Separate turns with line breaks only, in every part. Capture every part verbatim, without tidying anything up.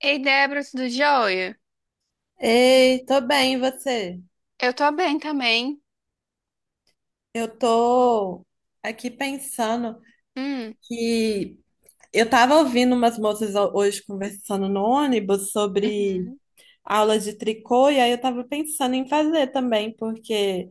Ei, Débora, tudo jóia?
Ei, tô bem, e você?
Eu tô bem também.
Eu tô aqui pensando
Hum.
que eu tava ouvindo umas moças ho- hoje conversando no ônibus sobre
Uhum.
aula de tricô, e aí eu tava pensando em fazer também, porque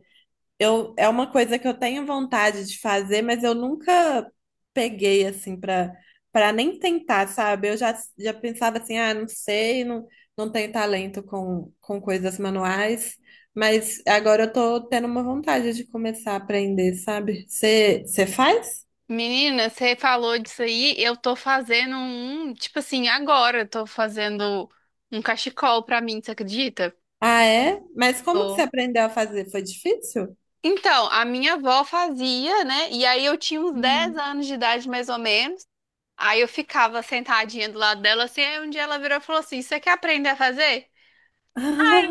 Eu, é uma coisa que eu tenho vontade de fazer, mas eu nunca peguei assim para para nem tentar, sabe? Eu já, já pensava assim, ah, não sei, não, não tenho talento com, com coisas manuais, mas agora eu tô tendo uma vontade de começar a aprender, sabe? Você você faz?
Menina, você falou disso aí, eu tô fazendo um, tipo assim, agora eu tô fazendo um cachecol pra mim, você acredita?
Ah, é? Mas como que você
Tô.
aprendeu a fazer? Foi difícil?
Então, a minha avó fazia, né? E aí eu tinha uns dez
Hum.
anos de idade, mais ou menos. Aí eu ficava sentadinha do lado dela, assim, aí um dia ela virou e falou assim, você quer aprender a fazer?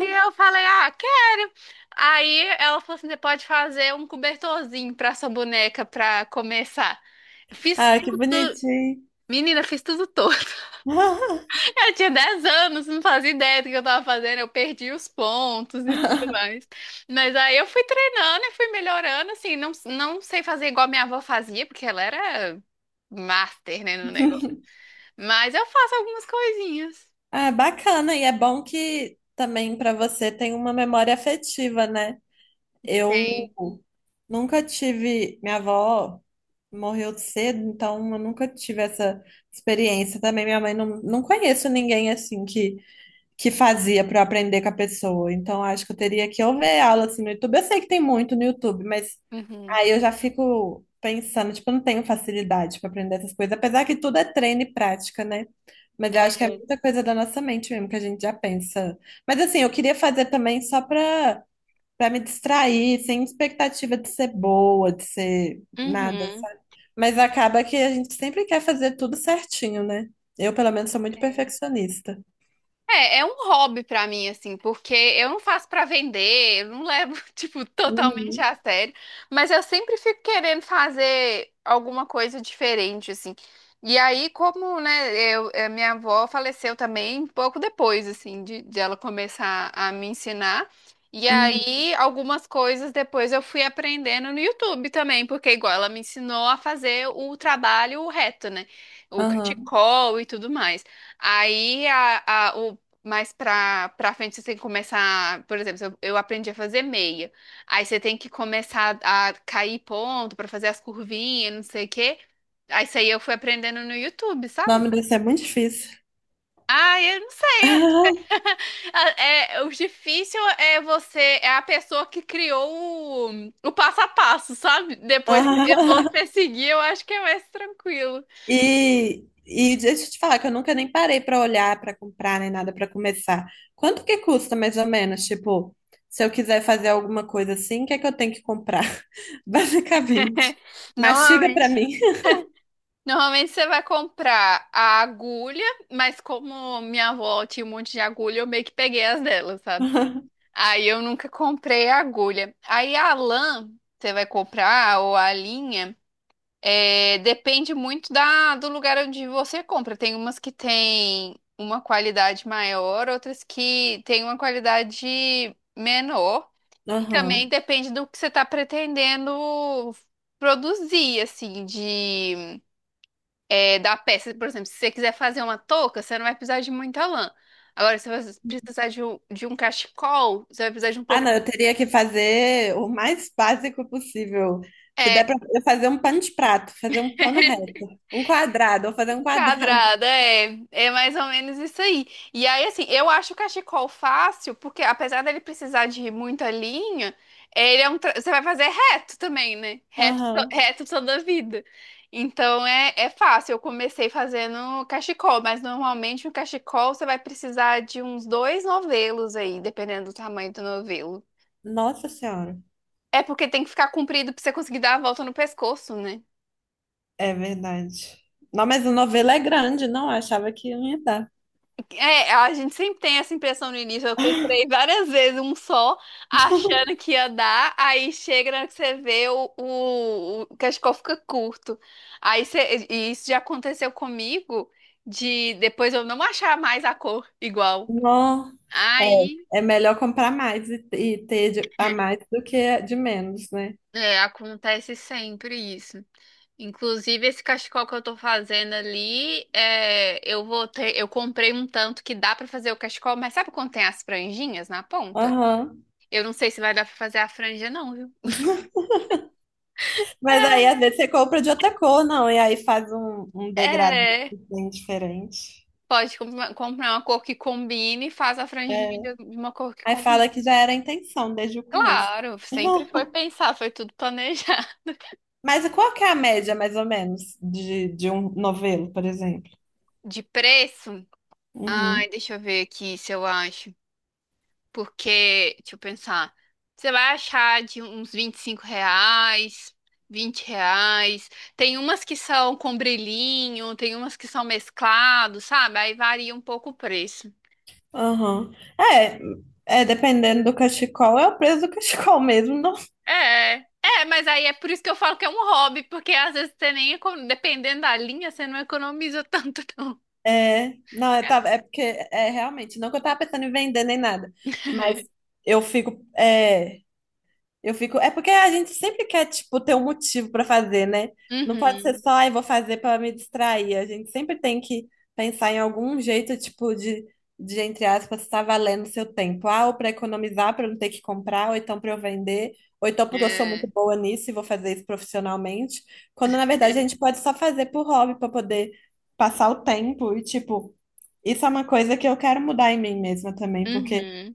E eu falei, ah, quero. Aí ela falou assim: você pode fazer um cobertorzinho pra sua boneca pra começar. Fiz
Ah, que
tudo,
bonitinho.
menina, fiz tudo todo. Eu tinha dez anos, não fazia ideia do que eu tava fazendo, eu perdi os pontos e tudo mais. Mas aí eu fui treinando e fui melhorando, assim, não, não sei fazer igual minha avó fazia, porque ela era master, né, no negócio. Mas eu faço algumas coisinhas.
Ah, bacana, e é bom que também para você tem uma memória afetiva, né? Eu
Tem.
nunca tive, minha avó morreu cedo, então eu nunca tive essa experiência também. Minha mãe não, não conheço ninguém assim que que fazia para eu aprender com a pessoa. Então, acho que eu teria que ou ver aula assim no YouTube. Eu sei que tem muito no YouTube, mas
Uhum.
aí eu já fico pensando, tipo, eu não tenho facilidade para aprender essas coisas, apesar que tudo é treino e prática, né? Mas eu acho que é
É.
muita coisa da nossa mente mesmo que a gente já pensa. Mas assim, eu queria fazer também só para para me distrair, sem expectativa de ser boa, de ser nada,
Uhum.
sabe? Mas acaba que a gente sempre quer fazer tudo certinho, né? Eu, pelo menos, sou muito perfeccionista.
É, é, um hobby pra mim, assim, porque eu não faço pra vender, eu não levo, tipo, totalmente
Uhum.
a sério, mas eu sempre fico querendo fazer alguma coisa diferente, assim. E aí, como, né, eu, eh, minha avó faleceu também pouco depois, assim, de, de ela começar a me ensinar. E
Uhum.
aí, algumas coisas depois eu fui aprendendo no YouTube também, porque igual ela me ensinou a fazer o trabalho reto, né? O
Aham.
cachecol e tudo mais. Aí a, a- o mas pra, pra frente você tem que começar, por exemplo, eu, eu aprendi a fazer meia. Aí você tem que começar a cair ponto pra fazer as curvinhas, não sei o quê. Aí isso aí eu fui aprendendo no YouTube, sabe?
Nome desse é muito difícil.
Ah, eu não sei. Ah, é, o difícil é você, é a pessoa que criou o, o passo a passo, sabe? Depois eu vou
Ah,
seguir, eu acho que é mais tranquilo.
E, e deixa eu te falar que eu nunca nem parei pra olhar, pra comprar, nem nada pra começar. Quanto que custa mais ou menos? Tipo, se eu quiser fazer alguma coisa assim, o que é que eu tenho que comprar? Basicamente. Mastiga
Normalmente.
pra mim.
Normalmente você vai comprar a agulha, mas como minha avó tinha um monte de agulha, eu meio que peguei as dela, sabe? Aí eu nunca comprei a agulha. Aí a lã, você vai comprar, ou a linha, é, depende muito da, do lugar onde você compra. Tem umas que tem uma qualidade maior, outras que tem uma qualidade menor. E também
Aham.
depende do que você está pretendendo produzir, assim, de é, da peça. Por exemplo, se você quiser fazer uma touca, você não vai precisar de muita lã. Agora, se você precisar de um, de um cachecol, você vai precisar de um
Ah,
pouco.
não, eu teria que fazer o mais básico possível. Se der
É.
pra eu fazer um pano de prato, fazer um pano reto, um quadrado, eu vou fazer um quadrado.
Quadrada, é. É mais ou menos isso aí. E aí, assim, eu acho o cachecol fácil, porque apesar dele precisar de muita linha. É, ele é um. Tra- Você vai fazer reto também, né? Reto, to-
Aham.
reto toda a vida. Então é, é fácil. Eu comecei fazendo cachecol, mas normalmente um cachecol você vai precisar de uns dois novelos aí, dependendo do tamanho do novelo.
Nossa Senhora.
É porque tem que ficar comprido pra você conseguir dar a volta no pescoço, né?
É verdade. Não, mas a novela é grande, não? Eu achava que não ia dar.
É, a gente sempre tem essa impressão no início. Eu comprei várias vezes um só, achando que ia dar, aí chega na hora que você vê o, o, o cachecol fica curto. Aí você- e isso já aconteceu comigo de depois eu não achar mais a cor igual.
Não.
Aí
É, é melhor comprar mais e, e ter de- a mais do que de menos, né?
é, acontece sempre isso. Inclusive, esse cachecol que eu tô fazendo ali, é, eu vou ter, eu comprei um tanto que dá pra fazer o cachecol, mas sabe quando tem as franjinhas na ponta?
Aham.
Eu não sei se vai dar pra fazer a franja, não, viu?
Mas aí, às vezes, você compra de outra cor, não, e aí faz um, um degradê
É,
assim, diferente.
pode com- comprar uma cor que combine e faz a
É.
franjinha de de uma cor que
Aí
combine.
fala que já era a intenção desde o começo.
Claro, sempre foi pensar, foi tudo planejar.
Mas qual que é a média, mais ou menos, de, de um novelo, por exemplo?
De preço? Ai,
Uhum.
deixa eu ver aqui se eu acho. Porque, deixa eu pensar. Você vai achar de uns vinte e cinco reais, vinte reais. Tem umas que são com brilhinho, tem umas que são mesclados, sabe? Aí varia um pouco o preço.
Aham. É, é, dependendo do cachecol, é o preço do cachecol mesmo, não?
É, é, mas aí é por isso que eu falo que é um hobby, porque às vezes você nem, econo- dependendo da linha, você não economiza tanto, não.
É, não, é, tá, é porque é realmente, não que eu tava pensando em vender nem nada, mas eu fico, é, Eu fico. É porque a gente sempre quer, tipo, ter um motivo para fazer, né? Não pode ser
Uhum.
só, ai, vou fazer para me distrair. A gente sempre tem que pensar em algum jeito, tipo, de, de entre aspas, estar valendo o seu tempo. Ah, ou para economizar, para não ter que comprar, ou então para eu vender, ou então porque eu sou muito
É.
boa nisso e vou fazer isso profissionalmente. Quando, na verdade, a gente pode só fazer por hobby, para poder passar o tempo. E, tipo, isso é uma coisa que eu quero mudar em mim mesma também, porque.
Uhum.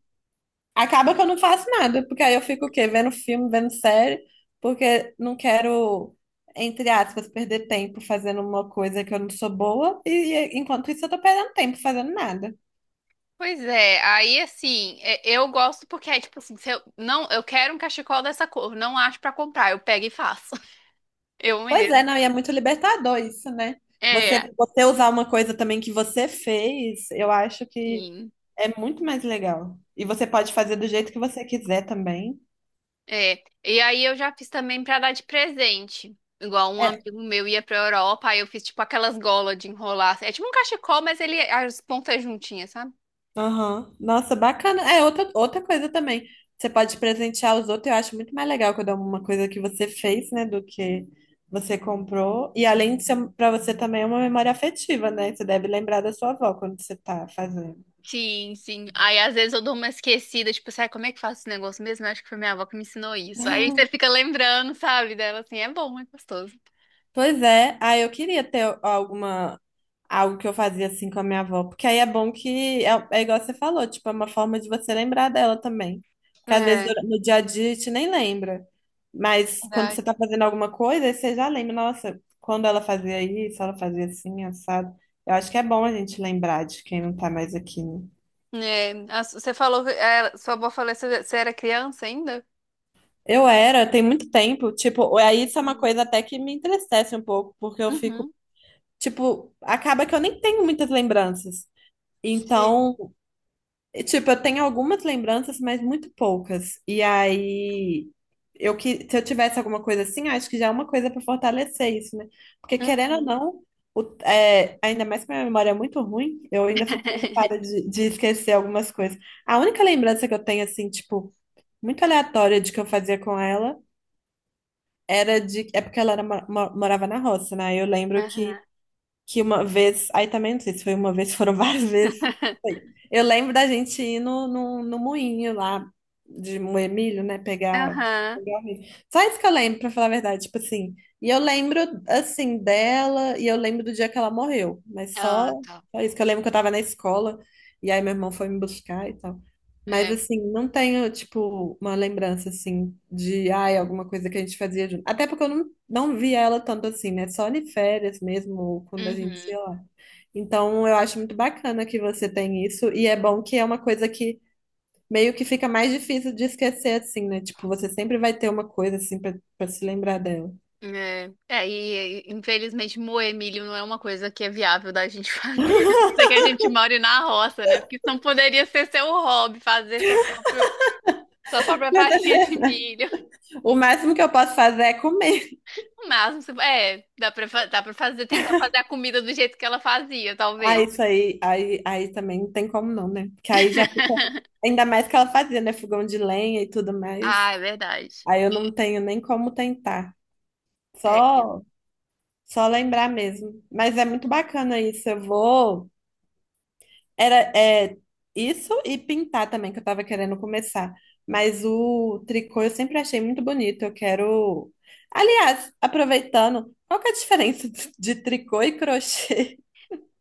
Acaba que eu não faço nada, porque aí eu fico o quê? Vendo filme, vendo série, porque não quero, entre aspas, perder tempo fazendo uma coisa que eu não sou boa, e e enquanto isso eu tô perdendo tempo fazendo nada.
Pois é, aí assim, é- eu gosto porque é tipo assim, se eu não, eu quero um cachecol dessa cor, não acho pra comprar, eu pego e faço. Eu
Pois
mesmo.
é, não, e é muito libertador isso, né? Você,
É,
você usar uma coisa também que você fez, eu acho que
sim.
é muito mais legal. E você pode fazer do jeito que você quiser também.
É, e aí eu já fiz também pra dar de presente. Igual um
É,
amigo meu ia pra Europa, aí eu fiz tipo aquelas golas de enrolar. Assim, é tipo um cachecol, mas ele as pontas juntinhas, sabe?
Aham. Nossa, bacana. É, outra, outra coisa também. Você pode presentear os outros. Eu acho muito mais legal quando é uma coisa que você fez, né, do que você comprou. E além de ser para você também é uma memória afetiva, né? Você deve lembrar da sua avó quando você tá fazendo.
Sim, sim. Aí às vezes eu dou uma esquecida, tipo, sabe como é que faço esse negócio mesmo? Eu acho que foi minha avó que me ensinou isso. Aí você fica lembrando, sabe, dela assim, é bom, é gostoso.
Pois é, aí eu queria ter alguma algo que eu fazia assim com a minha avó, porque aí é bom que é, é igual você falou, tipo, é uma forma de você lembrar dela também. Porque às vezes
É,
dura- no dia a dia a gente nem lembra, mas quando você
verdade.
tá fazendo alguma coisa, aí você já lembra, nossa, quando ela fazia isso, ela fazia assim, assado. Eu acho que é bom a gente lembrar de quem não tá mais aqui, né?
É, a su- você falou que é, sua avó falou que você você era criança ainda?
Eu era, tem muito tempo, tipo, aí isso é uma
Uhum.
coisa até que me entristece um pouco, porque eu fico,
Uhum.
tipo, acaba que eu nem tenho muitas lembranças.
Sim.
Então, tipo, eu tenho algumas lembranças, mas muito poucas. E aí, eu que se eu tivesse alguma coisa assim, acho que já é uma coisa para fortalecer isso, né? Porque querendo ou
Uhum.
não, o- é, ainda mais que minha memória é muito ruim, eu ainda fico preocupada de, de esquecer algumas coisas. A única lembrança que eu tenho, assim, tipo, muito aleatória de que eu fazia com ela era de. É porque ela era, mo- mo- morava na roça, né? Eu lembro que
Aham.
que uma vez, aí também não sei se foi uma vez, foram várias vezes. Foi. Eu lembro da gente ir no, no, no moinho lá de moer milho, né? Pegar,
Aham.
pegar o milho. Só isso que eu lembro, pra falar a verdade, tipo assim. E eu lembro, assim, dela, e eu lembro do dia que ela morreu, mas só,
Ah, tá.
só isso que eu lembro que eu tava na escola, e aí meu irmão foi me buscar e tal. Mas
É.
assim, não tenho, tipo, uma lembrança assim de ai, alguma coisa que a gente fazia junto. Até porque eu não, não via ela tanto assim, né? Só em férias mesmo, ou quando a gente ia
Uhum.
lá. Então eu acho muito bacana que você tem isso, e é bom que é uma coisa que meio que fica mais difícil de esquecer, assim, né? Tipo, você sempre vai ter uma coisa assim pra pra se lembrar dela.
É. É, e e, infelizmente moer milho não é uma coisa que é viável da gente fazer, a não ser que a gente more na roça, né? Porque senão poderia ser seu hobby, fazer seu próprio, sua própria farinha de milho.
O máximo que eu posso fazer é comer.
O máximo, você- é, dá pra, fa- dá pra fazer, tentar fazer a comida do jeito que ela fazia,
Ah,
talvez.
isso aí, aí, aí também não tem como não, né? Porque aí já fica. Ainda mais que ela fazia, né? Fogão de lenha e tudo mais.
Ah, é verdade.
Aí eu não tenho nem como tentar. Só, só lembrar mesmo. Mas é muito bacana isso. Eu vou. Era, é, isso e pintar também, que eu tava querendo começar. Mas o tricô eu sempre achei muito bonito. Eu quero. Aliás, aproveitando, qual que é a diferença de de tricô e crochê?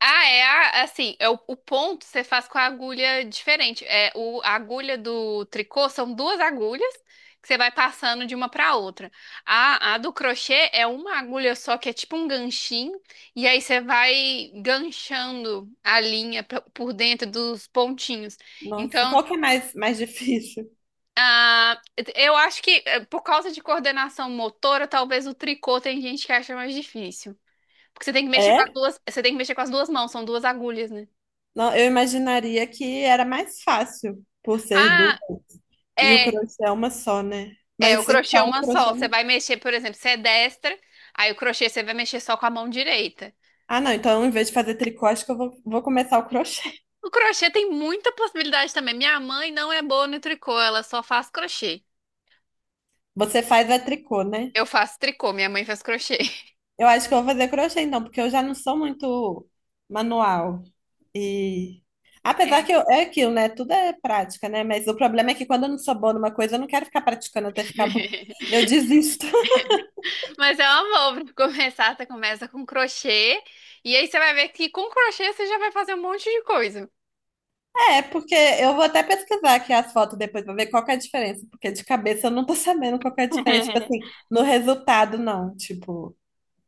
Ah, é a- assim, é o, o ponto você faz com a agulha diferente. É o, a agulha do tricô são duas agulhas que você vai passando de uma para outra. A, a do crochê é uma agulha só que é tipo um ganchinho e aí você vai ganchando a linha pra- por dentro dos pontinhos.
Nossa,
Então,
qual que é mais, mais difícil?
ah, eu acho que eh, por causa de coordenação motora, talvez o tricô tem gente que acha mais difícil. Porque você tem que mexer com as
É?
duas, você tem que mexer com as duas mãos, são duas agulhas, né?
Não, eu imaginaria que era mais fácil por ser duas
Ah,
e o
É,
crochê é uma só, né?
é, o
Mas
crochê é
então o
uma só.
crochê
Você
não...
vai mexer, por exemplo, você é destra, aí o crochê você vai mexer só com a mão direita.
Ah, não, então em vez de fazer tricô, acho que eu vou, vou começar o crochê.
O crochê tem muita possibilidade também. Minha mãe não é boa no tricô, ela só faz crochê.
Você faz a tricô, né?
Eu faço tricô, minha mãe faz crochê.
Eu acho que eu vou fazer crochê então, porque eu já não sou muito manual. E apesar
É.
que eu- é aquilo, né? Tudo é prática, né? Mas o problema é que quando eu não sou boa numa coisa, eu não quero ficar praticando até ficar bom. Eu desisto.
Mas é uma boa pra começar, você começa com crochê, e aí você vai ver que com crochê você já vai fazer um monte de coisa.
É, porque eu vou até pesquisar aqui as fotos depois pra ver qual que é a diferença, porque de cabeça eu não tô sabendo qual que é a diferença, tipo assim, no resultado não, tipo,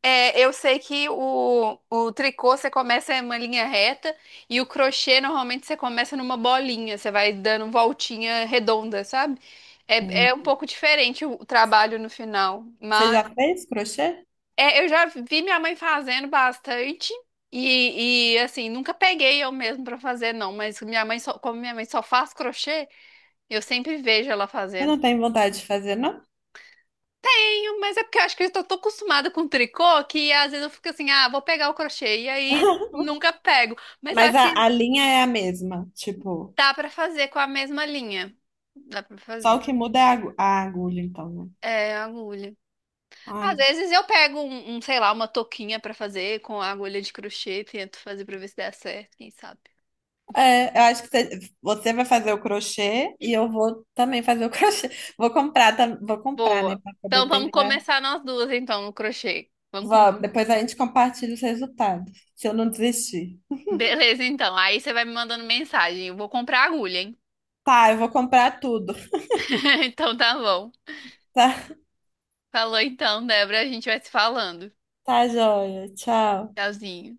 É, eu sei que o, o tricô você começa em uma linha reta e o crochê normalmente você começa numa bolinha, você vai dando voltinha redonda, sabe? É,
hum.
é um pouco diferente o trabalho no final,
Você
mas
já fez crochê?
é, eu já vi minha mãe fazendo bastante e, e, assim, nunca peguei eu mesmo pra fazer não, mas minha mãe só, como minha mãe só faz crochê, eu sempre vejo ela
Eu
fazendo.
não tenho vontade de fazer, não?
Eu- Mas é porque eu acho que eu tô tão acostumada com tricô que às vezes eu fico assim, ah, vou pegar o crochê e aí nunca pego. Mas eu
Mas
acho
a,
que
a linha é a mesma, tipo,
dá pra fazer com a mesma linha. Dá pra
só o
fazer.
que muda é a, agu- a agulha, então, né?
É, agulha.
Ai,
Às vezes eu pego um, um, sei lá, uma touquinha pra fazer com a agulha de crochê e tento fazer pra ver se dá certo, quem sabe.
é, eu acho que você, você vai fazer o crochê e eu vou também fazer o crochê. Vou comprar, tam- vou comprar, né,
Boa.
pra poder
Então vamos
tentar.
começar nós duas então no crochê. Vamos com.
Vamos, depois a gente compartilha os resultados, se eu não desistir.
Beleza, então. Aí você vai me mandando mensagem. Eu vou comprar agulha, hein?
Tá, eu vou comprar tudo.
Então tá bom.
Tá,
Falou então, Débora, a gente vai se falando.
tá joia. Tchau.
Tchauzinho.